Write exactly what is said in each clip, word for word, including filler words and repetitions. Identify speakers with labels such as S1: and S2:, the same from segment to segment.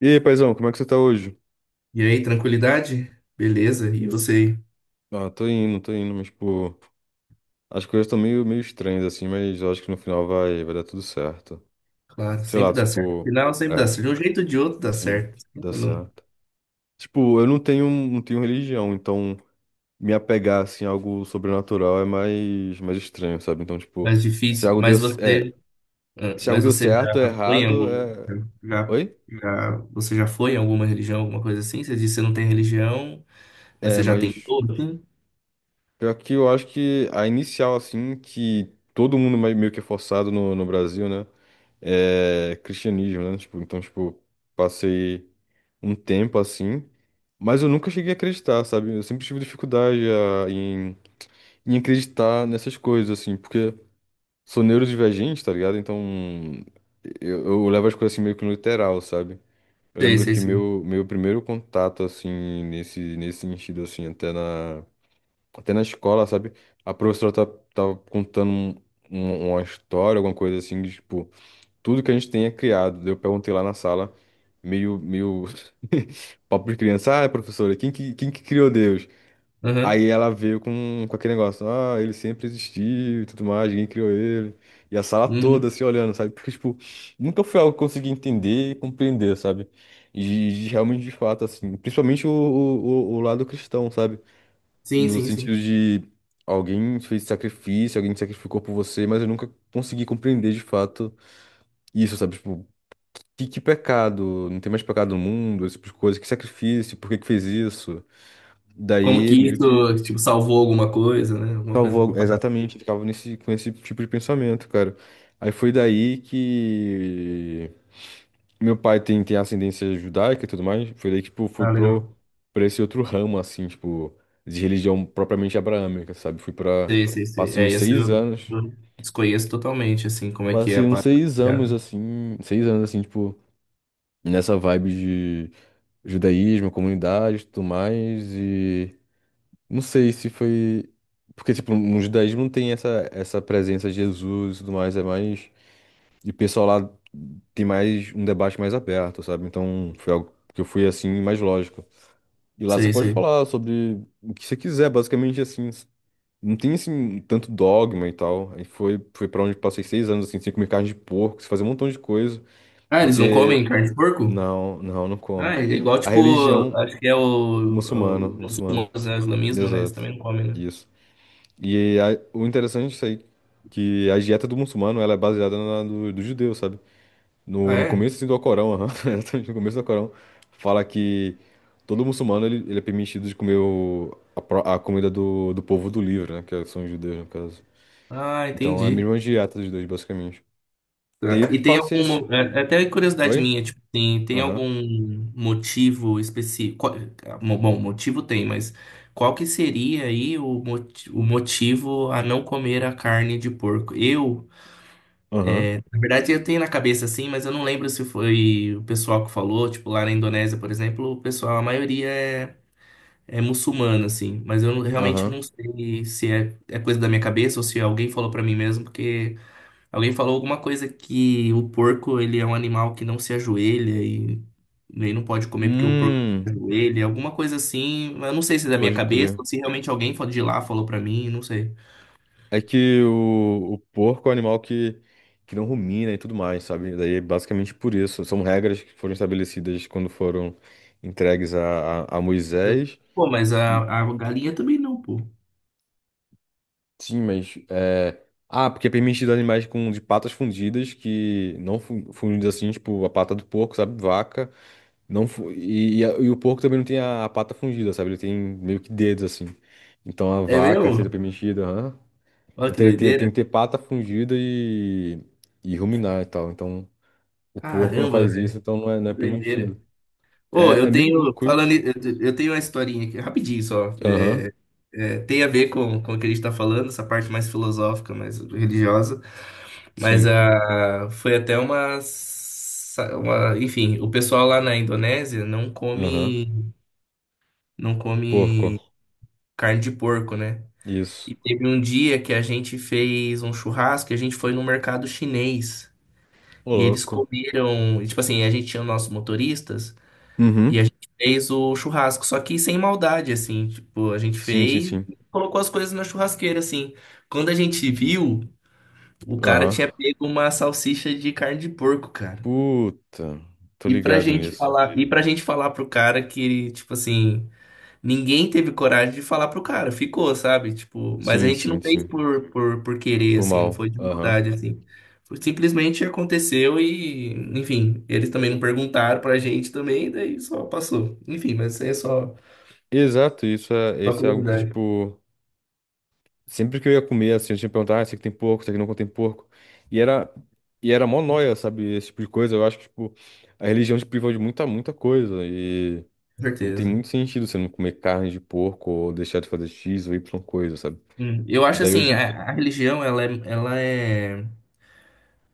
S1: E aí, paizão, como é que você tá hoje?
S2: E aí, tranquilidade? Beleza, e você?
S1: Ah, tô indo, tô indo, mas, pô, as coisas estão meio, meio estranhas, assim, mas eu acho que no final vai, vai dar tudo certo.
S2: Claro,
S1: Sei lá,
S2: sempre dá certo.
S1: tipo,
S2: Afinal, sempre
S1: é,
S2: dá certo. De um jeito ou de outro dá
S1: sim,
S2: certo. Sempre
S1: dá
S2: não.
S1: certo. Tipo, eu não tenho, não tenho religião, então me apegar, assim, a algo sobrenatural é mais, mais estranho, sabe? Então, tipo,
S2: Mais
S1: se
S2: difícil.
S1: algo deu,
S2: Mas
S1: é,
S2: você, ah,
S1: se algo
S2: mas
S1: deu
S2: você
S1: certo ou
S2: já foi em
S1: errado,
S2: algum,
S1: é...
S2: já,
S1: Oi?
S2: já, você já foi em alguma religião, alguma coisa assim? Você disse que você não tem religião, mas
S1: É,
S2: você já
S1: mas
S2: tentou, assim?
S1: pior que eu acho que a inicial, assim, que todo mundo mais- meio que é forçado no, no Brasil, né? É, cristianismo, né? Tipo, então, tipo, passei um tempo assim, mas eu nunca cheguei a acreditar, sabe? Eu sempre tive dificuldade a- em, em acreditar nessas coisas, assim, porque sou neurodivergente, tá ligado? Então, eu, eu levo as coisas assim meio que no literal, sabe? Eu
S2: Sei,
S1: lembro
S2: sei,
S1: que
S2: sei.
S1: meu, meu primeiro contato, assim, nesse, nesse sentido, assim, até na, até na escola, sabe? A professora tá, tava contando um- um- uma história, alguma coisa assim, de, tipo tudo que a gente tenha criado. Eu perguntei lá na sala, meio, meio papo de criança, ah, professora, quem que, quem que criou Deus?
S2: Aham.
S1: Aí ela veio com, com aquele negócio, ah, ele sempre existiu e tudo mais, ninguém criou ele. E a sala toda
S2: Uhum.
S1: se olhando, sabe? Porque, tipo, nunca foi algo que eu consegui entender e compreender, sabe? E, e realmente, de fato, assim, principalmente o, o, o o lado cristão, sabe?
S2: Sim,
S1: No
S2: sim, sim.
S1: sentido de alguém fez sacrifício, alguém se sacrificou por você, mas eu nunca consegui compreender de fato isso, sabe? Tipo, que, que pecado, não tem mais pecado no mundo, esse tipo de coisa, que sacrifício, por que que fez isso?
S2: Como
S1: Daí
S2: que
S1: meio que
S2: isso, tipo, salvou alguma coisa, né? Alguma coisa
S1: salvou,
S2: pra parar.
S1: exatamente, ele ficava nesse, com esse tipo de pensamento, cara. Aí foi daí que meu pai tem, tem ascendência judaica e tudo mais, foi daí que, tipo, fui
S2: Ah,
S1: pro,
S2: legal.
S1: pra esse outro ramo, assim, tipo, de religião propriamente abraâmica, sabe? Fui pra,
S2: Sei, sei, sei.
S1: passei
S2: É,
S1: uns
S2: isso
S1: seis
S2: eu
S1: anos,
S2: eu desconheço totalmente, assim, como é que é a
S1: passei uns
S2: parada.
S1: seis anos, assim, seis anos, assim, tipo, nessa vibe judaísmo, comunidade, tudo mais e não sei se foi porque tipo no judaísmo não tem essa essa presença de Jesus e tudo mais, é mais e o pessoal lá tem mais um debate mais aberto, sabe? Então foi algo que eu fui assim mais lógico. E lá você
S2: Sei,
S1: pode
S2: sei.
S1: falar sobre o que você quiser, basicamente assim, não tem assim tanto dogma e tal. Aí foi foi para onde eu passei seis anos assim, sem comer carne de porco, sem fazer um montão de coisa,
S2: Ah, eles não comem
S1: porque
S2: carne de porco?
S1: não, não, não
S2: Ah,
S1: come.
S2: é igual,
S1: A
S2: tipo,
S1: religião
S2: acho que é o, é
S1: muçulmano,
S2: o
S1: muçulmano.
S2: muçulmanos, né? O islamismo, né? Eles
S1: Exato.
S2: também não comem, né?
S1: Isso. E a- o interessante disso aí, que a dieta do muçulmano, ela é baseada na do, do judeu, sabe?
S2: Ah,
S1: No, no
S2: é?
S1: começo assim, do Alcorão, aham, exatamente no começo do Alcorão, fala que todo muçulmano, ele, ele é permitido de comer o- a, pro- a comida do, do povo do livro, né? Que são os judeus, no caso.
S2: Ah,
S1: Então, é a
S2: entendi.
S1: mesma dieta dos dois, basicamente. Daí, eu
S2: E tem
S1: passei esse...
S2: algum. é- é Até curiosidade
S1: Oi?
S2: minha, tipo, tem, tem
S1: Aham,
S2: algum motivo específico? qual- mo- Bom, motivo tem, mas qual que seria aí o, moti- o motivo a não comer a carne de porco? Eu,
S1: aham,
S2: na verdade, eu tenho na cabeça assim, mas eu não lembro se foi o pessoal que falou, tipo, lá na Indonésia, por exemplo, o pessoal, a maioria é. É muçulmana, assim, mas eu não- realmente
S1: aham.
S2: não sei se é, é coisa da minha cabeça ou se alguém falou pra mim mesmo, porque alguém falou alguma coisa que o porco, ele é um animal que não se ajoelha e nem não pode comer porque o porco não
S1: Hum,
S2: se ajoelha, alguma coisa assim, mas eu não sei se é da minha
S1: pode
S2: cabeça
S1: crer.
S2: ou se realmente alguém fa- de lá falou pra mim, não sei.
S1: É que o, o porco é um animal que, que não rumina e tudo mais, sabe? Daí, é basicamente por isso. São regras que foram estabelecidas quando foram entregues a, a, a
S2: Eu,
S1: Moisés.
S2: pô, mas a,
S1: E,
S2: a galinha também não, pô.
S1: sim, mas. É... Ah, porque é permitido animais com de patas fundidas, que não fu- fundidas assim, tipo a pata do porco, sabe? Vaca. Não fu- e, e, a- e o porco também não tem a, a pata fundida, sabe? Ele tem meio que dedos assim. Então a
S2: É
S1: vaca seria
S2: mesmo?
S1: permitida, aham.
S2: Olha
S1: Então
S2: que
S1: teria que ter, tem
S2: doideira.
S1: que ter pata fungida e, e ruminar e tal. Então o porco não
S2: Caramba,
S1: faz isso,
S2: velho,
S1: então não é, não é
S2: que doideira.
S1: permitido.
S2: Ô,
S1: É, é
S2: eu
S1: meio
S2: tenho,
S1: louco
S2: falando,
S1: isso.
S2: eu eu tenho uma historinha aqui, rapidinho só.
S1: Aham,
S2: É, é, tem a ver com, com o que a gente tá falando, essa parte mais filosófica, mais religiosa. Mas
S1: sim.
S2: a, foi até uma, sa- uma. Enfim, o pessoal lá na Indonésia não
S1: Aham.
S2: come, não
S1: Porco.
S2: come carne de porco, né?
S1: Isso.
S2: E teve um dia que a gente fez um churrasco e a gente foi no mercado chinês.
S1: Ô,
S2: E eles
S1: louco.
S2: comeram, e, tipo assim, a gente tinha nossos motoristas. E
S1: Uhum.
S2: a gente fez o churrasco, só que sem maldade, assim, tipo, a gente
S1: Sim, sim,
S2: fez
S1: sim.
S2: e colocou as coisas na churrasqueira, assim. Quando a gente viu, o cara
S1: Aham.
S2: tinha pego uma salsicha de carne de porco, cara.
S1: Puta. Tô
S2: E pra
S1: ligado
S2: gente
S1: nisso.
S2: falar, e pra gente falar pro cara que, tipo assim, ninguém teve coragem de falar pro cara, ficou, sabe? Tipo, mas a
S1: Sim,
S2: gente não
S1: sim,
S2: fez
S1: sim.
S2: por, por, por querer,
S1: Por
S2: assim, não
S1: mal.
S2: foi de
S1: Aham.
S2: maldade, assim. Foi- Simplesmente aconteceu e, enfim, eles também não perguntaram pra gente também, daí só passou. Enfim, mas é só.
S1: Exato, isso é,
S2: Uma
S1: isso é algo que,
S2: curiosidade,
S1: tipo. Sempre que eu ia comer, assim, eu tinha que perguntar, ah, esse aqui tem porco, esse aqui não contém porco. E era, e era mó nóia, sabe? Esse tipo de coisa. Eu acho que, tipo, a religião te privou de muita, muita coisa. E
S2: com
S1: não tem muito
S2: certeza.
S1: sentido você não comer carne de porco ou deixar de fazer X ou Y coisa, sabe?
S2: Hum, Eu acho
S1: Daí
S2: assim,
S1: hoje.
S2: a, a religião ela é, ela é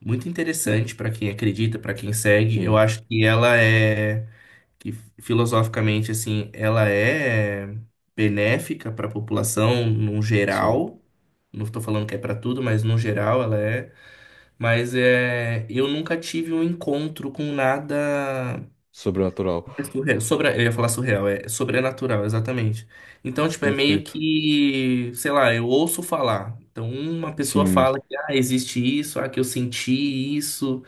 S2: muito interessante para quem acredita, para quem segue. Eu
S1: Sim,
S2: acho que ela é que filosoficamente assim, ela é benéfica para a população no
S1: sim.
S2: geral. Não estou falando que é para tudo, mas no geral ela é. Mas é, eu nunca tive um encontro com nada.
S1: Sobrenatural.
S2: É surreal. Sobra... Eu ia falar surreal, é sobrenatural, exatamente. Então, tipo, é meio
S1: Perfeito.
S2: que, sei lá, eu ouço falar. Então, uma pessoa
S1: Sim.
S2: fala que, ah, existe isso, ah, que eu senti isso,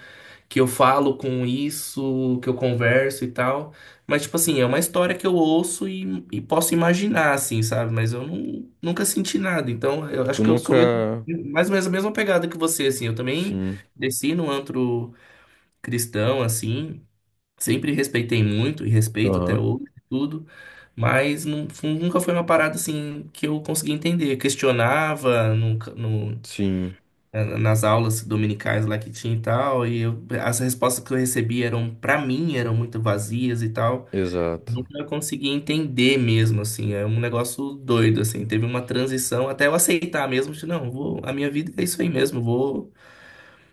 S2: que eu falo com isso, que eu converso e tal. Mas, tipo assim, é uma história que eu ouço e, e posso imaginar, assim, sabe? Mas eu nu- nunca senti nada. Então, eu acho
S1: Tu
S2: que eu sou mesmo,
S1: nunca.
S2: mais ou menos a mesma pegada que você, assim. Eu também
S1: Sim.
S2: desci no antro cristão, assim. Sempre respeitei muito e respeito até
S1: Aham.
S2: hoje, tudo, mas não, fu- nunca foi uma parada assim que eu consegui entender. Eu questionava nunca- no-
S1: Sim.
S2: na- nas aulas dominicais lá que tinha e tal, e eu- as respostas que eu recebia eram, pra mim, eram muito vazias e tal.
S1: Exato.
S2: Nunca consegui entender mesmo, assim, é um negócio doido, assim. Teve uma transição até eu aceitar mesmo, de não, vou, a minha vida é isso aí mesmo, vou,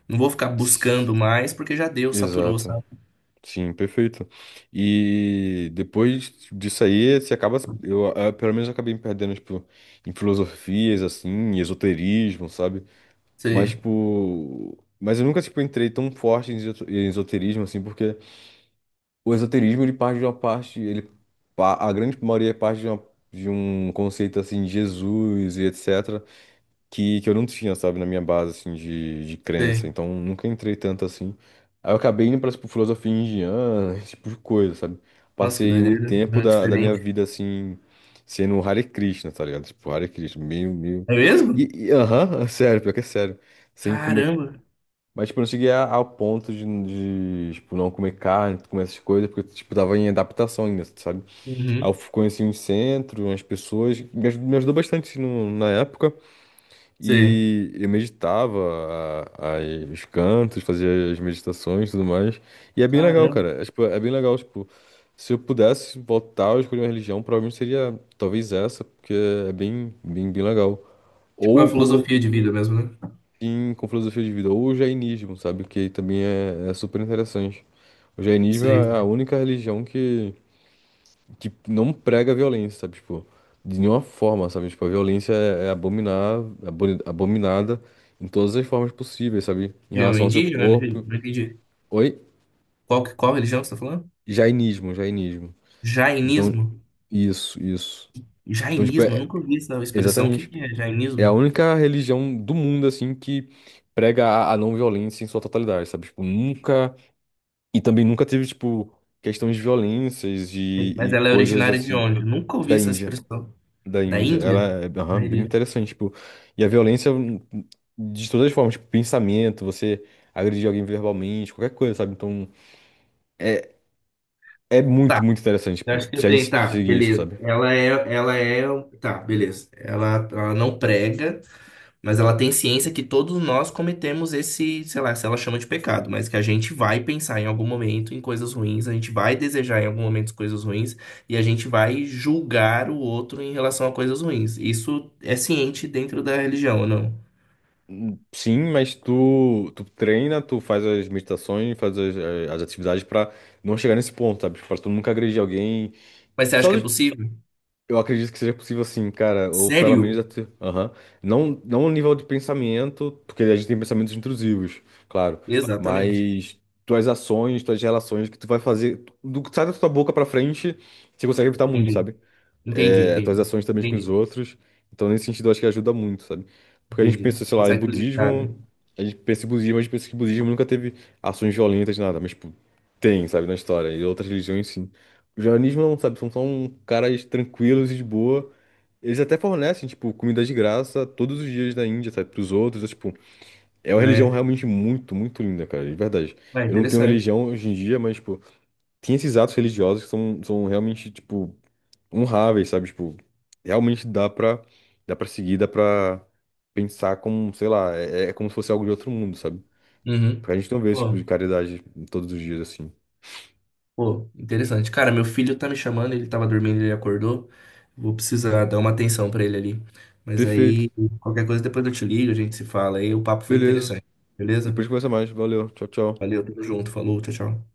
S2: não vou ficar
S1: Tss,
S2: buscando mais, porque já deu, saturou,
S1: exato.
S2: sabe?
S1: Sim, perfeito. E depois disso aí, você acaba. Eu, eh, pelo menos, eu acabei me perdendo, tipo, em filosofias, assim, em esoterismo, sabe? Mas,
S2: Sim,
S1: tipo. Mas eu nunca, tipo, entrei tão forte em esoto- em esoterismo, assim, porque o esoterismo, ele parte de uma parte. Ele, pa- a grande maioria parte de, uma, de um conceito, assim, de Jesus e etc que, que eu não tinha, sabe, na minha base, assim, de, de crença.
S2: sim.
S1: Então, nunca entrei tanto assim. Aí eu acabei indo pra, tipo, filosofia indiana, esse tipo de coisa, sabe?
S2: Nossa, que
S1: Passei um
S2: doideira.
S1: tempo
S2: É
S1: da, da minha
S2: diferente.
S1: vida, assim, sendo um Hare Krishna, tá ligado? Tipo, Hare Krishna, meio, meio...
S2: É
S1: E,
S2: mesmo?
S1: e, aham, sério, pior que é sério. Sem comer...
S2: Caramba.
S1: Mas, tipo, eu não cheguei a- ao ponto de, de, tipo, não comer carne, comer essas coisas, porque, tipo, tava em adaptação ainda, sabe? Aí eu
S2: Uhum.
S1: conheci um centro, umas pessoas, me aj- me ajudou bastante assim, no- na época.
S2: Sei.
S1: E eu meditava a- a- os cantos, fazia as meditações e tudo mais. E é bem legal,
S2: Caramba.
S1: cara. É, tipo, é bem legal, tipo, se eu pudesse voltar a escolher uma religião, provavelmente seria talvez essa, porque é bem, bem, bem legal.
S2: Tipo é a
S1: Ou o
S2: filosofia de vida mesmo, né?
S1: em, com filosofia de vida, ou o jainismo, sabe? Que também é, é super interessante. O jainismo é a
S2: Sei.
S1: única religião que que não prega a violência, sabe? Tipo, de nenhuma forma, sabe? Tipo, a violência é, é abominar, é aboni- abominada em todas as formas possíveis, sabe? Em
S2: Eu,
S1: relação ao seu
S2: indígena? Não entendi.
S1: corpo.
S2: Não entendi.
S1: Oi?
S2: Qual, que- qual religião que você tá falando?
S1: Jainismo, jainismo. Então,
S2: Jainismo?
S1: isso, isso. Então, tipo,
S2: Jainismo? Eu
S1: é,
S2: nunca ouvi essa expressão. O que
S1: exatamente.
S2: que é
S1: É a
S2: jainismo?
S1: única religião do mundo, assim, que prega a, a não violência em sua totalidade, sabe? Tipo, nunca. E também nunca teve, tipo, questões de violências
S2: Sei,
S1: e,
S2: mas
S1: e
S2: ela é
S1: coisas
S2: originária de
S1: assim
S2: onde? Eu nunca ouvi
S1: da
S2: essa
S1: Índia.
S2: expressão.
S1: Da
S2: Da
S1: Índia.
S2: Índia?
S1: Ela é aham,
S2: Da
S1: bem
S2: Índia.
S1: interessante, tipo, e a violência hum, de todas as formas, tipo, pensamento, você agredir alguém verbalmente, qualquer coisa, sabe? Então, é, é muito,
S2: Tá.
S1: muito interessante,
S2: Eu
S1: tipo,
S2: acho que eu
S1: se a
S2: tenho.
S1: gente
S2: Tá,
S1: seguir isso,
S2: beleza.
S1: sabe?
S2: Ela é. Ela é. um, Tá, beleza. Ela, ela não prega. Mas ela tem ciência que todos nós cometemos esse, sei lá, se ela chama de pecado, mas que a gente vai pensar em algum momento em coisas ruins, a gente vai desejar em algum momento coisas ruins e a gente vai julgar o outro em relação a coisas ruins. Isso é ciente dentro da religião, ou não?
S1: Sim, mas tu, tu treina, tu faz as meditações, faz as, eh, as atividades pra não chegar nesse ponto, sabe? Tipo, pra tu nunca agredir alguém.
S2: Mas você acha
S1: Só
S2: que é possível?
S1: eu acredito que seja possível sim, cara, ou pelo menos
S2: Sério?
S1: até, aham. Não, não o nível de pensamento, porque a gente tem pensamentos intrusivos, claro,
S2: Exatamente.
S1: mas tuas ações, tuas relações que tu vai fazer, do que sai da tua boca pra frente, você consegue evitar muito,
S2: Entendi.
S1: sabe?
S2: Entendi,
S1: é, tuas
S2: entendi.
S1: ações também com os
S2: Entendi,
S1: outros. Então, nesse sentido, eu acho que ajuda muito, sabe? Porque a gente
S2: entendi.
S1: pensa,
S2: Você
S1: sei lá, em
S2: consegue limitar,
S1: budismo,
S2: né?
S1: a gente pensa em budismo, a gente pensa que budismo nunca teve ações violentas, nada, mas, tipo, tem, sabe, na história. E outras religiões, sim. O jainismo não, sabe, são só um caras tranquilos e de boa. Eles até fornecem, tipo, comida de graça todos os dias da Índia, sabe, pros outros. É, tipo, é uma
S2: Ah,
S1: religião
S2: é?
S1: realmente muito, muito linda, cara, de verdade.
S2: Ah,
S1: Eu não tenho
S2: interessante.
S1: religião hoje em dia, mas, tipo, tem esses atos religiosos que são, são realmente, tipo, honráveis, sabe? Tipo, realmente dá pra, dá pra seguir, dá pra pensar como, sei lá, é, é como se fosse algo de outro mundo, sabe?
S2: Uhum.
S1: Porque a gente não vê esse tipo de
S2: Pô.
S1: caridade todos os dias, assim.
S2: Pô, interessante. Cara, meu filho tá me chamando, ele tava dormindo, ele acordou. Vou precisar dar uma atenção pra ele ali. Mas
S1: Perfeito,
S2: aí, qualquer coisa depois eu te ligo, a gente se fala aí. O papo foi
S1: beleza.
S2: interessante, beleza?
S1: Depois conversa mais. Valeu, tchau, tchau.
S2: Valeu, tamo junto, falou, tchau, tchau.